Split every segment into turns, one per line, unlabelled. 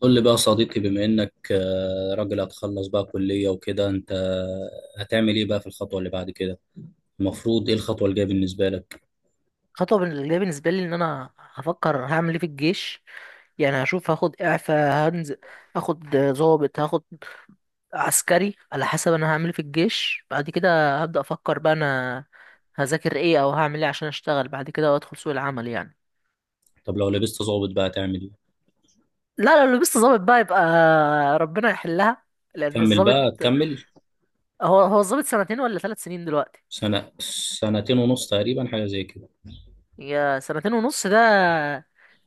قول لي بقى يا صديقي، بما انك راجل هتخلص بقى كلية وكده، انت هتعمل ايه بقى في الخطوة اللي بعد كده؟ المفروض ايه الخطوة الجاية بالنسبة لك؟
خطوة اللي بالنسبة لي إن أنا هفكر هعمل إيه في الجيش. يعني هشوف هاخد إعفاء هنزل هاخد ضابط هاخد عسكري على حسب أنا هعمل إيه في الجيش. بعد كده هبدأ أفكر بقى أنا هذاكر إيه أو هعمل إيه عشان أشتغل بعد كده وأدخل سوق العمل يعني.
طب لو لبست ضابط بقى هتعمل ايه؟
لا، لو لبست ضابط بقى يبقى ربنا يحلها. لأن
تكمل
الضابط
بقى، تكمل.
هو هو الضابط سنتين ولا 3 سنين دلوقتي؟
سنة، سنتين ونص تقريبا، حاجة زي كده.
هي سنتين ونص ده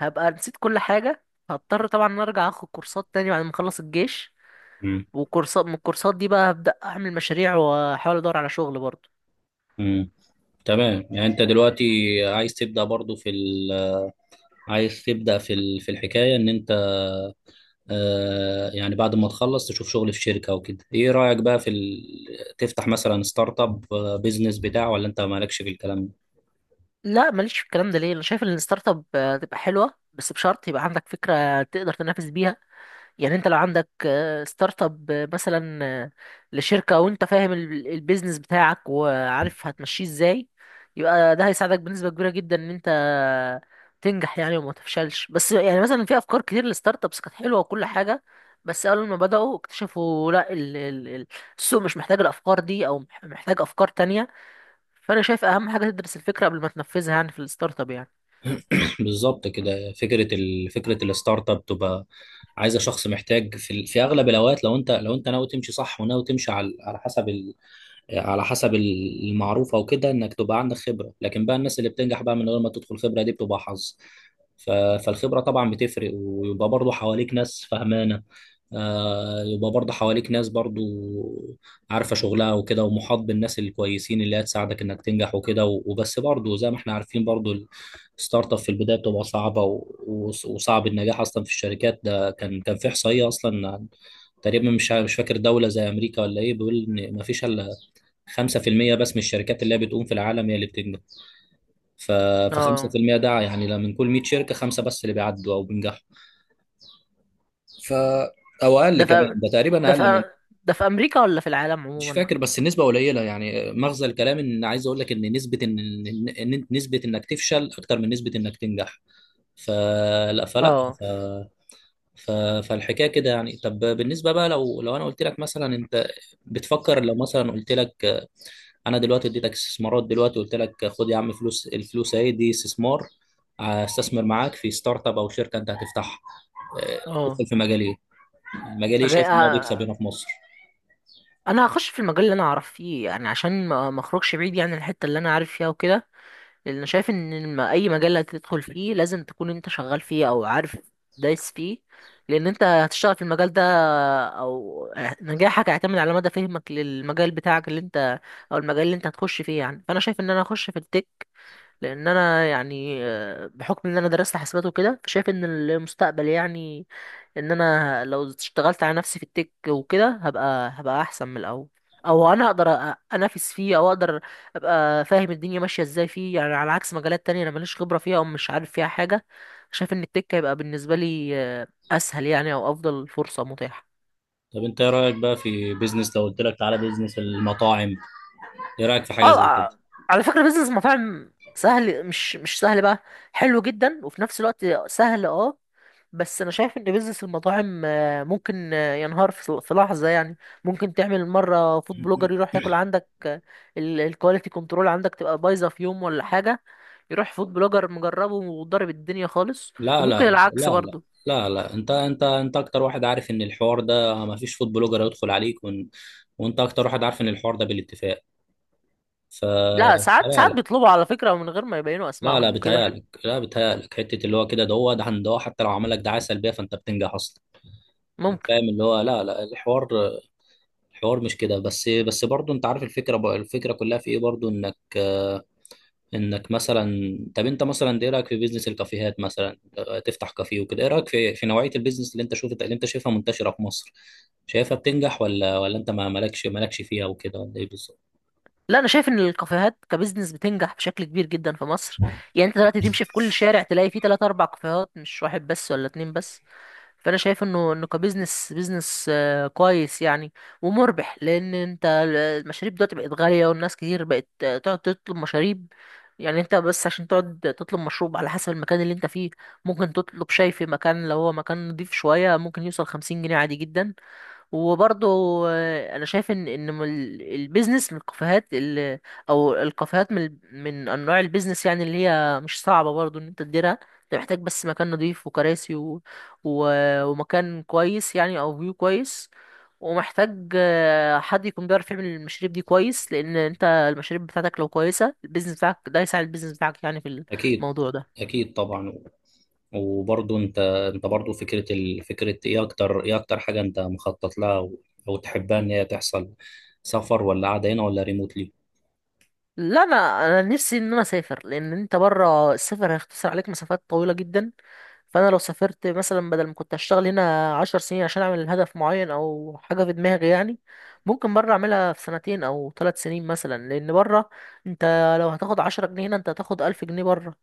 هبقى نسيت كل حاجة. هضطر طبعا إن أنا أرجع أخد كورسات تاني بعد ما أخلص الجيش.
امم
وكورسات من الكورسات دي بقى هبدأ أعمل مشاريع وأحاول أدور على شغل برضه.
امم تمام، يعني انت دلوقتي عايز تبدأ برضو في ال عايز تبدأ في ال- في الحكاية ان انت يعني بعد ما تخلص تشوف شغل في شركة او كده. ايه رأيك بقى في تفتح مثلا ستارت اب، بيزنس بتاع، ولا انت مالكش في الكلام ده؟
لا، ماليش في الكلام ده. ليه؟ أنا شايف إن الستارت اب تبقى حلوة بس بشرط يبقى عندك فكرة تقدر تنافس بيها. يعني انت لو عندك ستارت اب مثلا لشركة وانت فاهم البيزنس بتاعك وعارف هتمشيه ازاي، يبقى ده هيساعدك بنسبة كبيرة جدا ان انت تنجح يعني وما تفشلش. بس يعني مثلا في افكار كتير للستارت ابس كانت حلوة وكل حاجة، بس اول ما بدأوا اكتشفوا لا السوق مش محتاج الافكار دي او محتاج افكار تانية. فانا شايف اهم حاجة تدرس الفكرة قبل ما تنفذها يعني في الستارت اب يعني.
بالظبط كده. فكره الستارت اب تبقى عايزه شخص محتاج في، في اغلب الاوقات لو انت لو انت ناوي تمشي صح وناوي تمشي على حسب، على حسب المعروفة وكده، انك تبقى عندك خبرة. لكن بقى الناس اللي بتنجح بقى من غير ما تدخل، خبرة دي بتبقى حظ. فالخبرة طبعا بتفرق، ويبقى برضو حواليك ناس فهمانة، يبقى برضو حواليك ناس برضو عارفة شغلها وكده، ومحاط بالناس الكويسين اللي هتساعدك انك تنجح وكده. وبس برضو زي ما احنا عارفين برضو، الستارت اب في البداية بتبقى صعبة، وصعب النجاح اصلا في الشركات. ده كان في احصائية اصلا، تقريبا مش فاكر، دولة زي امريكا ولا ايه، بيقول ان مفيش الا 5% بس من الشركات اللي هي بتقوم في العالم هي اللي بتنجح. ف، ف
اه.
5% ده يعني، لا، من كل 100 شركه خمسه بس اللي بيعدوا او بينجحوا. ف، او اقل
ده
كمان،
في
ده تقريبا
ده
اقل من،
في ده في امريكا ولا في العالم
مش
عموما؟
فاكر، بس النسبه قليله. يعني مغزى الكلام، ان عايز اقول لك ان نسبه ان، إن نسبه انك تفشل اكتر من نسبه انك تنجح. فلا فلا
اه.
ف... ف... فالحكايه كده يعني. طب بالنسبه بقى، لو انا قلت لك مثلا، انت بتفكر، لو مثلا قلت لك انا دلوقتي اديتك استثمارات دلوقتي، قلت لك خد يا عم، فلوس، الفلوس اهي دي استثمار، استثمر معاك في ستارت اب او شركه انت هتفتحها،
اه.
تدخل في مجال ايه؟ مجال ايه
أجي...
شايف ان هو بيكسب
آه،
هنا في مصر؟
انا هخش في المجال اللي انا اعرف فيه يعني عشان ما اخرجش بعيد يعني عن الحته اللي انا عارف فيها وكده. لان أنا شايف ان ما اي مجال هتدخل فيه لازم تكون انت شغال فيه او عارف دايس فيه. لان انت هتشتغل في المجال ده، او نجاحك هيعتمد على مدى فهمك للمجال بتاعك اللي انت، او المجال اللي انت هتخش فيه يعني. فانا شايف ان انا هخش في التك. لان انا يعني بحكم ان انا درست حاسبات وكده فشايف ان المستقبل يعني ان انا لو اشتغلت على نفسي في التك وكده هبقى احسن من الاول. او انا اقدر انافس فيه او اقدر ابقى فاهم الدنيا ماشيه ازاي فيه يعني، على عكس مجالات تانية انا ماليش خبره فيها او مش عارف فيها حاجه. شايف ان التك هيبقى بالنسبه لي اسهل يعني او افضل فرصه متاحه.
طب انت ايه رايك بقى في بيزنس، لو قلت لك تعالى بيزنس المطاعم، ايه رايك في حاجه
اه.
زي كده؟
آه، على فكره بيزنس مطاعم سهل، مش سهل بقى، حلو جدا وفي نفس الوقت سهل اه. بس انا شايف ان بيزنس المطاعم ممكن ينهار في في لحظه يعني. ممكن تعمل مره فود بلوجر يروح ياكل عندك، الكواليتي كنترول عندك تبقى بايظه في يوم ولا حاجه، يروح فود بلوجر مجربه وضارب الدنيا خالص.
لا
وممكن
لا لا
العكس
لا لا
برضه.
لا, انت انت اكتر واحد عارف ان الحوار ده ما فيش فود بلوجر هيدخل عليك، وانت اكتر واحد عارف ان الحوار ده بالاتفاق. ف،
لا، ساعات
لا
بيطلبوا على فكره من غير ما يبينوا
لا, لا
اسمائهم وكده.
بيتهيألك، لا بيتهيألك. حتة اللي هو كده، ده هو ده عند هو، حتى لو عملك دعاية سلبية فأنت بتنجح أصلا، يعني،
ممكن.
فاهم؟ اللي هو لا، لا، الحوار، الحوار مش كده. بس بس برضه أنت عارف الفكرة بقى، الفكرة كلها في إيه برضه؟ إنك إنك مثلا، طب أنت مثلا إيه رأيك في بيزنس الكافيهات مثلا؟ تفتح كافيه وكده، إيه رأيك في نوعية البيزنس اللي أنت شفت، اللي أنت شايفها منتشرة في مصر؟ شايفها بتنجح، ولا أنت ما مالكش فيها وكده، ولا إيه بالظبط؟
لا، انا شايف ان الكافيهات كبزنس بتنجح بشكل كبير جدا في مصر. يعني انت دلوقتي تمشي في كل شارع تلاقي فيه 3 4 كافيهات، مش واحد بس ولا اتنين بس. فانا شايف انه كبزنس كويس يعني ومربح. لان انت المشاريب دلوقتي بقت غاليه والناس كتير بقت تقعد تطلب مشاريب. يعني انت بس عشان تقعد تطلب مشروب على حسب المكان اللي انت فيه، ممكن تطلب شاي في مكان، لو هو مكان نضيف شويه ممكن يوصل 50 جنيه عادي جدا. وبرضه انا شايف ان البيزنس من الكافيهات او الكافيهات من انواع البيزنس يعني اللي هي مش صعبه برضه ان انت تديرها. انت محتاج بس مكان نضيف وكراسي و... ومكان كويس يعني او فيو كويس، ومحتاج حد يكون بيعرف يعمل المشاريب دي كويس. لان انت المشاريب بتاعتك لو كويسه البيزنس بتاعك ده هيساعد البيزنس بتاعك يعني في
أكيد.
الموضوع ده.
أكيد طبعا. وبرضه انت، برضه فكره فكره ايه؟ اكتر، ايه اكتر حاجه انت مخطط لها او، أو تحبها ان هي تحصل؟ سفر، ولا قاعده هنا، ولا ريموتلي؟
لا، انا نفسي ان انا اسافر. لان انت بره السفر هيختصر عليك مسافات طويله جدا. فانا لو سافرت مثلا بدل ما كنت اشتغل هنا 10 سنين عشان اعمل هدف معين او حاجه في دماغي يعني، ممكن بره اعملها في سنتين او 3 سنين مثلا. لان بره انت لو هتاخد 10 جنيه هنا انت هتاخد 1000 جنيه بره.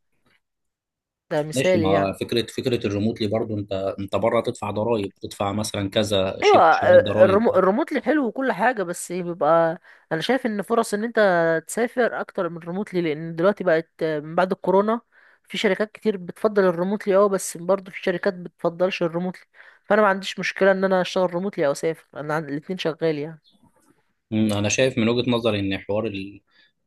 ده
ماشي.
مثالي
ما
يعني.
فكره، فكره الريموتلي برضه، انت بره تدفع ضرائب، تدفع مثلا كذا
ايوه.
شيء، شويه ضرائب.
الريموتلي حلو وكل حاجه بس بيبقى انا شايف ان فرص ان انت تسافر اكتر من الريموتلي. لان دلوقتي بقت من بعد الكورونا في شركات كتير بتفضل الريموتلي اه، بس برضه في شركات بتفضلش الريموتلي. فانا ما عنديش مشكله ان انا اشتغل ريموتلي او اسافر انا الاتنين شغال يعني.
مم، انا شايف من وجهة نظري ان حوار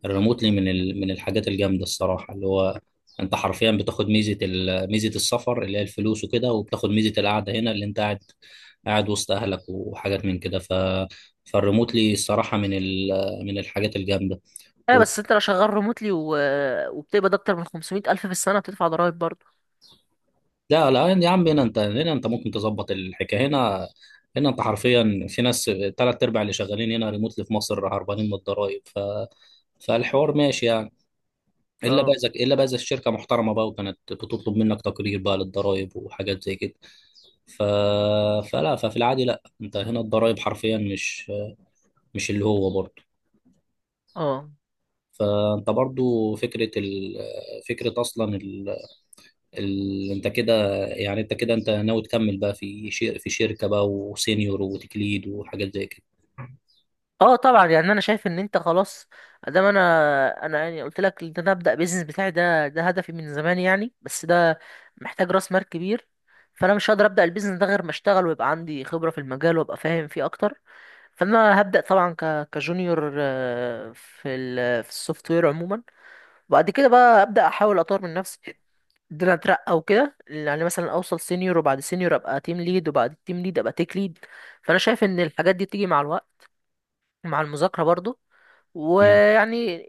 الريموتلي من من الحاجات الجامده الصراحه، اللي هو انت حرفيا بتاخد ميزه ميزه السفر اللي هي الفلوس وكده، وبتاخد ميزه القعده هنا اللي انت قاعد وسط اهلك وحاجات من كده. ف، فالريموتلي الصراحه من من الحاجات الجامده.
ايوه
و...
بس انت لو شغال ريموتلي وبتقبض اكتر من 500 الف في السنه بتدفع ضرائب برضه.
لا, يعني يا عم، هنا انت، هنا انت ممكن تظبط الحكايه هنا. هنا انت حرفيا في ناس، تلات ارباع اللي شغالين هنا ريموتلي في مصر هربانين من الضرايب. ف، فالحوار ماشي يعني. الا بقى
اه.
اذا، الشركه محترمه بقى وكانت بتطلب منك تقرير بقى للضرائب وحاجات زي كده. ف... فلا، ففي العادي لا، انت هنا الضرائب حرفيا مش، مش اللي هو برضه.
اه.
فانت برضه فكره فكره اصلا انت كده، يعني انت كده، انت ناوي تكمل بقى في في شركه بقى، وسينيور وتكليد وحاجات زي كده.
اه طبعا. يعني انا شايف ان انت خلاص. ادام انا، انا يعني قلت لك ان انا ابدا بيزنس بتاعي ده، ده هدفي من زمان يعني، بس ده محتاج راس مال كبير. فانا مش هقدر ابدا البيزنس ده غير ما اشتغل ويبقى عندي خبره في المجال وابقى فاهم فيه اكتر. فانا هبدا طبعا كجونيور في السوفت وير عموما. وبعد كده بقى ابدا احاول اطور من نفسي ان انا اترقى وكده. يعني مثلا اوصل سينيور وبعد سينيور ابقى تيم ليد وبعد التيم ليد ابقى تيك ليد. فانا شايف ان الحاجات دي بتيجي مع الوقت مع المذاكرة برضو.
امم
ويعني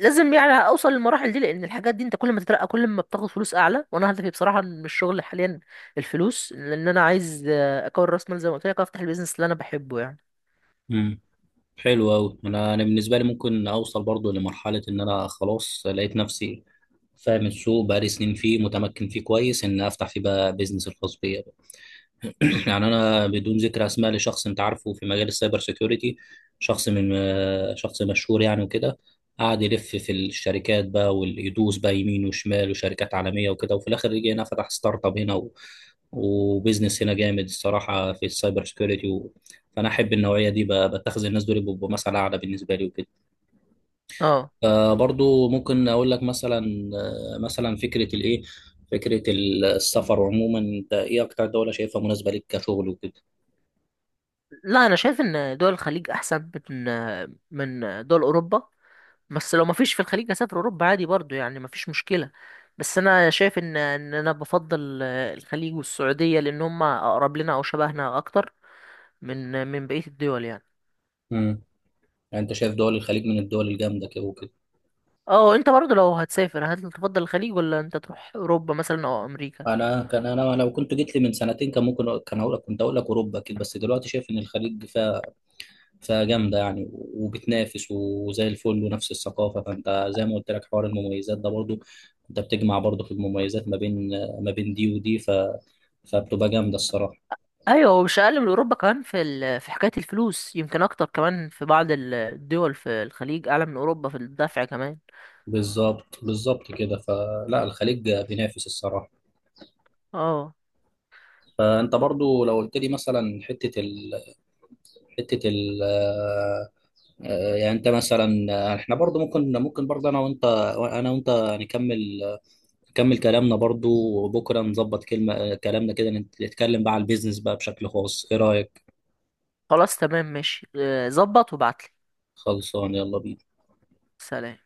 لازم يعني اوصل للمراحل دي. لان الحاجات دي انت كل ما تترقى كل ما بتاخد فلوس اعلى. وانا هدفي بصراحه من الشغل حاليا الفلوس، لان انا عايز اكون راس مال زي ما قلت لك افتح البيزنس اللي انا بحبه يعني.
امم حلو قوي. انا، بالنسبه لي ممكن اوصل برضه لمرحله ان انا خلاص لقيت نفسي فاهم السوق، بقالي سنين فيه، متمكن فيه كويس، ان افتح فيه بقى بيزنس الخاص بيا بقى. يعني انا بدون ذكر اسماء، لشخص انت عارفه في مجال السايبر سيكيورتي، شخص من، شخص مشهور يعني وكده، قعد يلف في الشركات بقى، ويدوس بقى يمين وشمال وشركات عالميه وكده، وفي الاخر رجع هنا فتح ستارت اب هنا، و... وبيزنس هنا جامد الصراحه في السايبر سيكيورتي. و... فانا احب النوعيه دي بقى. بتخذ الناس دول بيبقوا مثل اعلى بالنسبه لي وكده.
اه.
برضو ممكن اقول لك مثلا، مثلا فكره الايه، فكره السفر عموما، انت ايه اكتر دوله شايفها مناسبه ليك كشغل وكده؟
لا انا شايف ان دول الخليج احسن من دول اوروبا. بس لو ما فيش في الخليج اسافر اوروبا عادي برضو يعني، ما فيش مشكله. بس انا شايف ان انا بفضل الخليج والسعوديه، لان هم اقرب لنا او شبهنا اكتر من بقيه الدول يعني.
امم يعني انت شايف دول الخليج من الدول الجامده كده وكده.
اه انت برضه لو هتسافر هل تفضل الخليج ولا انت تروح اوروبا مثلا او امريكا؟
انا كان، انا لو كنت جيت لي من سنتين كان هقول لك، كنت هقول لك اوروبا كده. بس دلوقتي شايف ان الخليج فيها جامده يعني، وبتنافس وزي الفل، ونفس الثقافه. فانت زي ما قلت لك، حوار المميزات ده برضو، انت بتجمع برضو في المميزات ما بين، ما بين دي ودي. ف، فبتبقى جامده الصراحه.
ايوه، ومش اقل من اوروبا كمان في في حكايه الفلوس، يمكن اكتر كمان في بعض الدول في الخليج اعلى من اوروبا في الدفع كمان.
بالظبط، كده. فلا، الخليج بينافس الصراحه.
اه
فانت برضو لو قلت لي مثلا، حته ال... حته ال... آه، آه، يعني انت مثلا، احنا برضو ممكن، برضو انا وانت، انا وانت نكمل، نكمل كلامنا برضو. وبكره نظبط كلمه، كلامنا كده، نتكلم بقى على البيزنس بقى بشكل خاص. ايه رايك؟
خلاص تمام ماشي ظبط وابعتلي.
خلصان، يلا بينا.
سلام.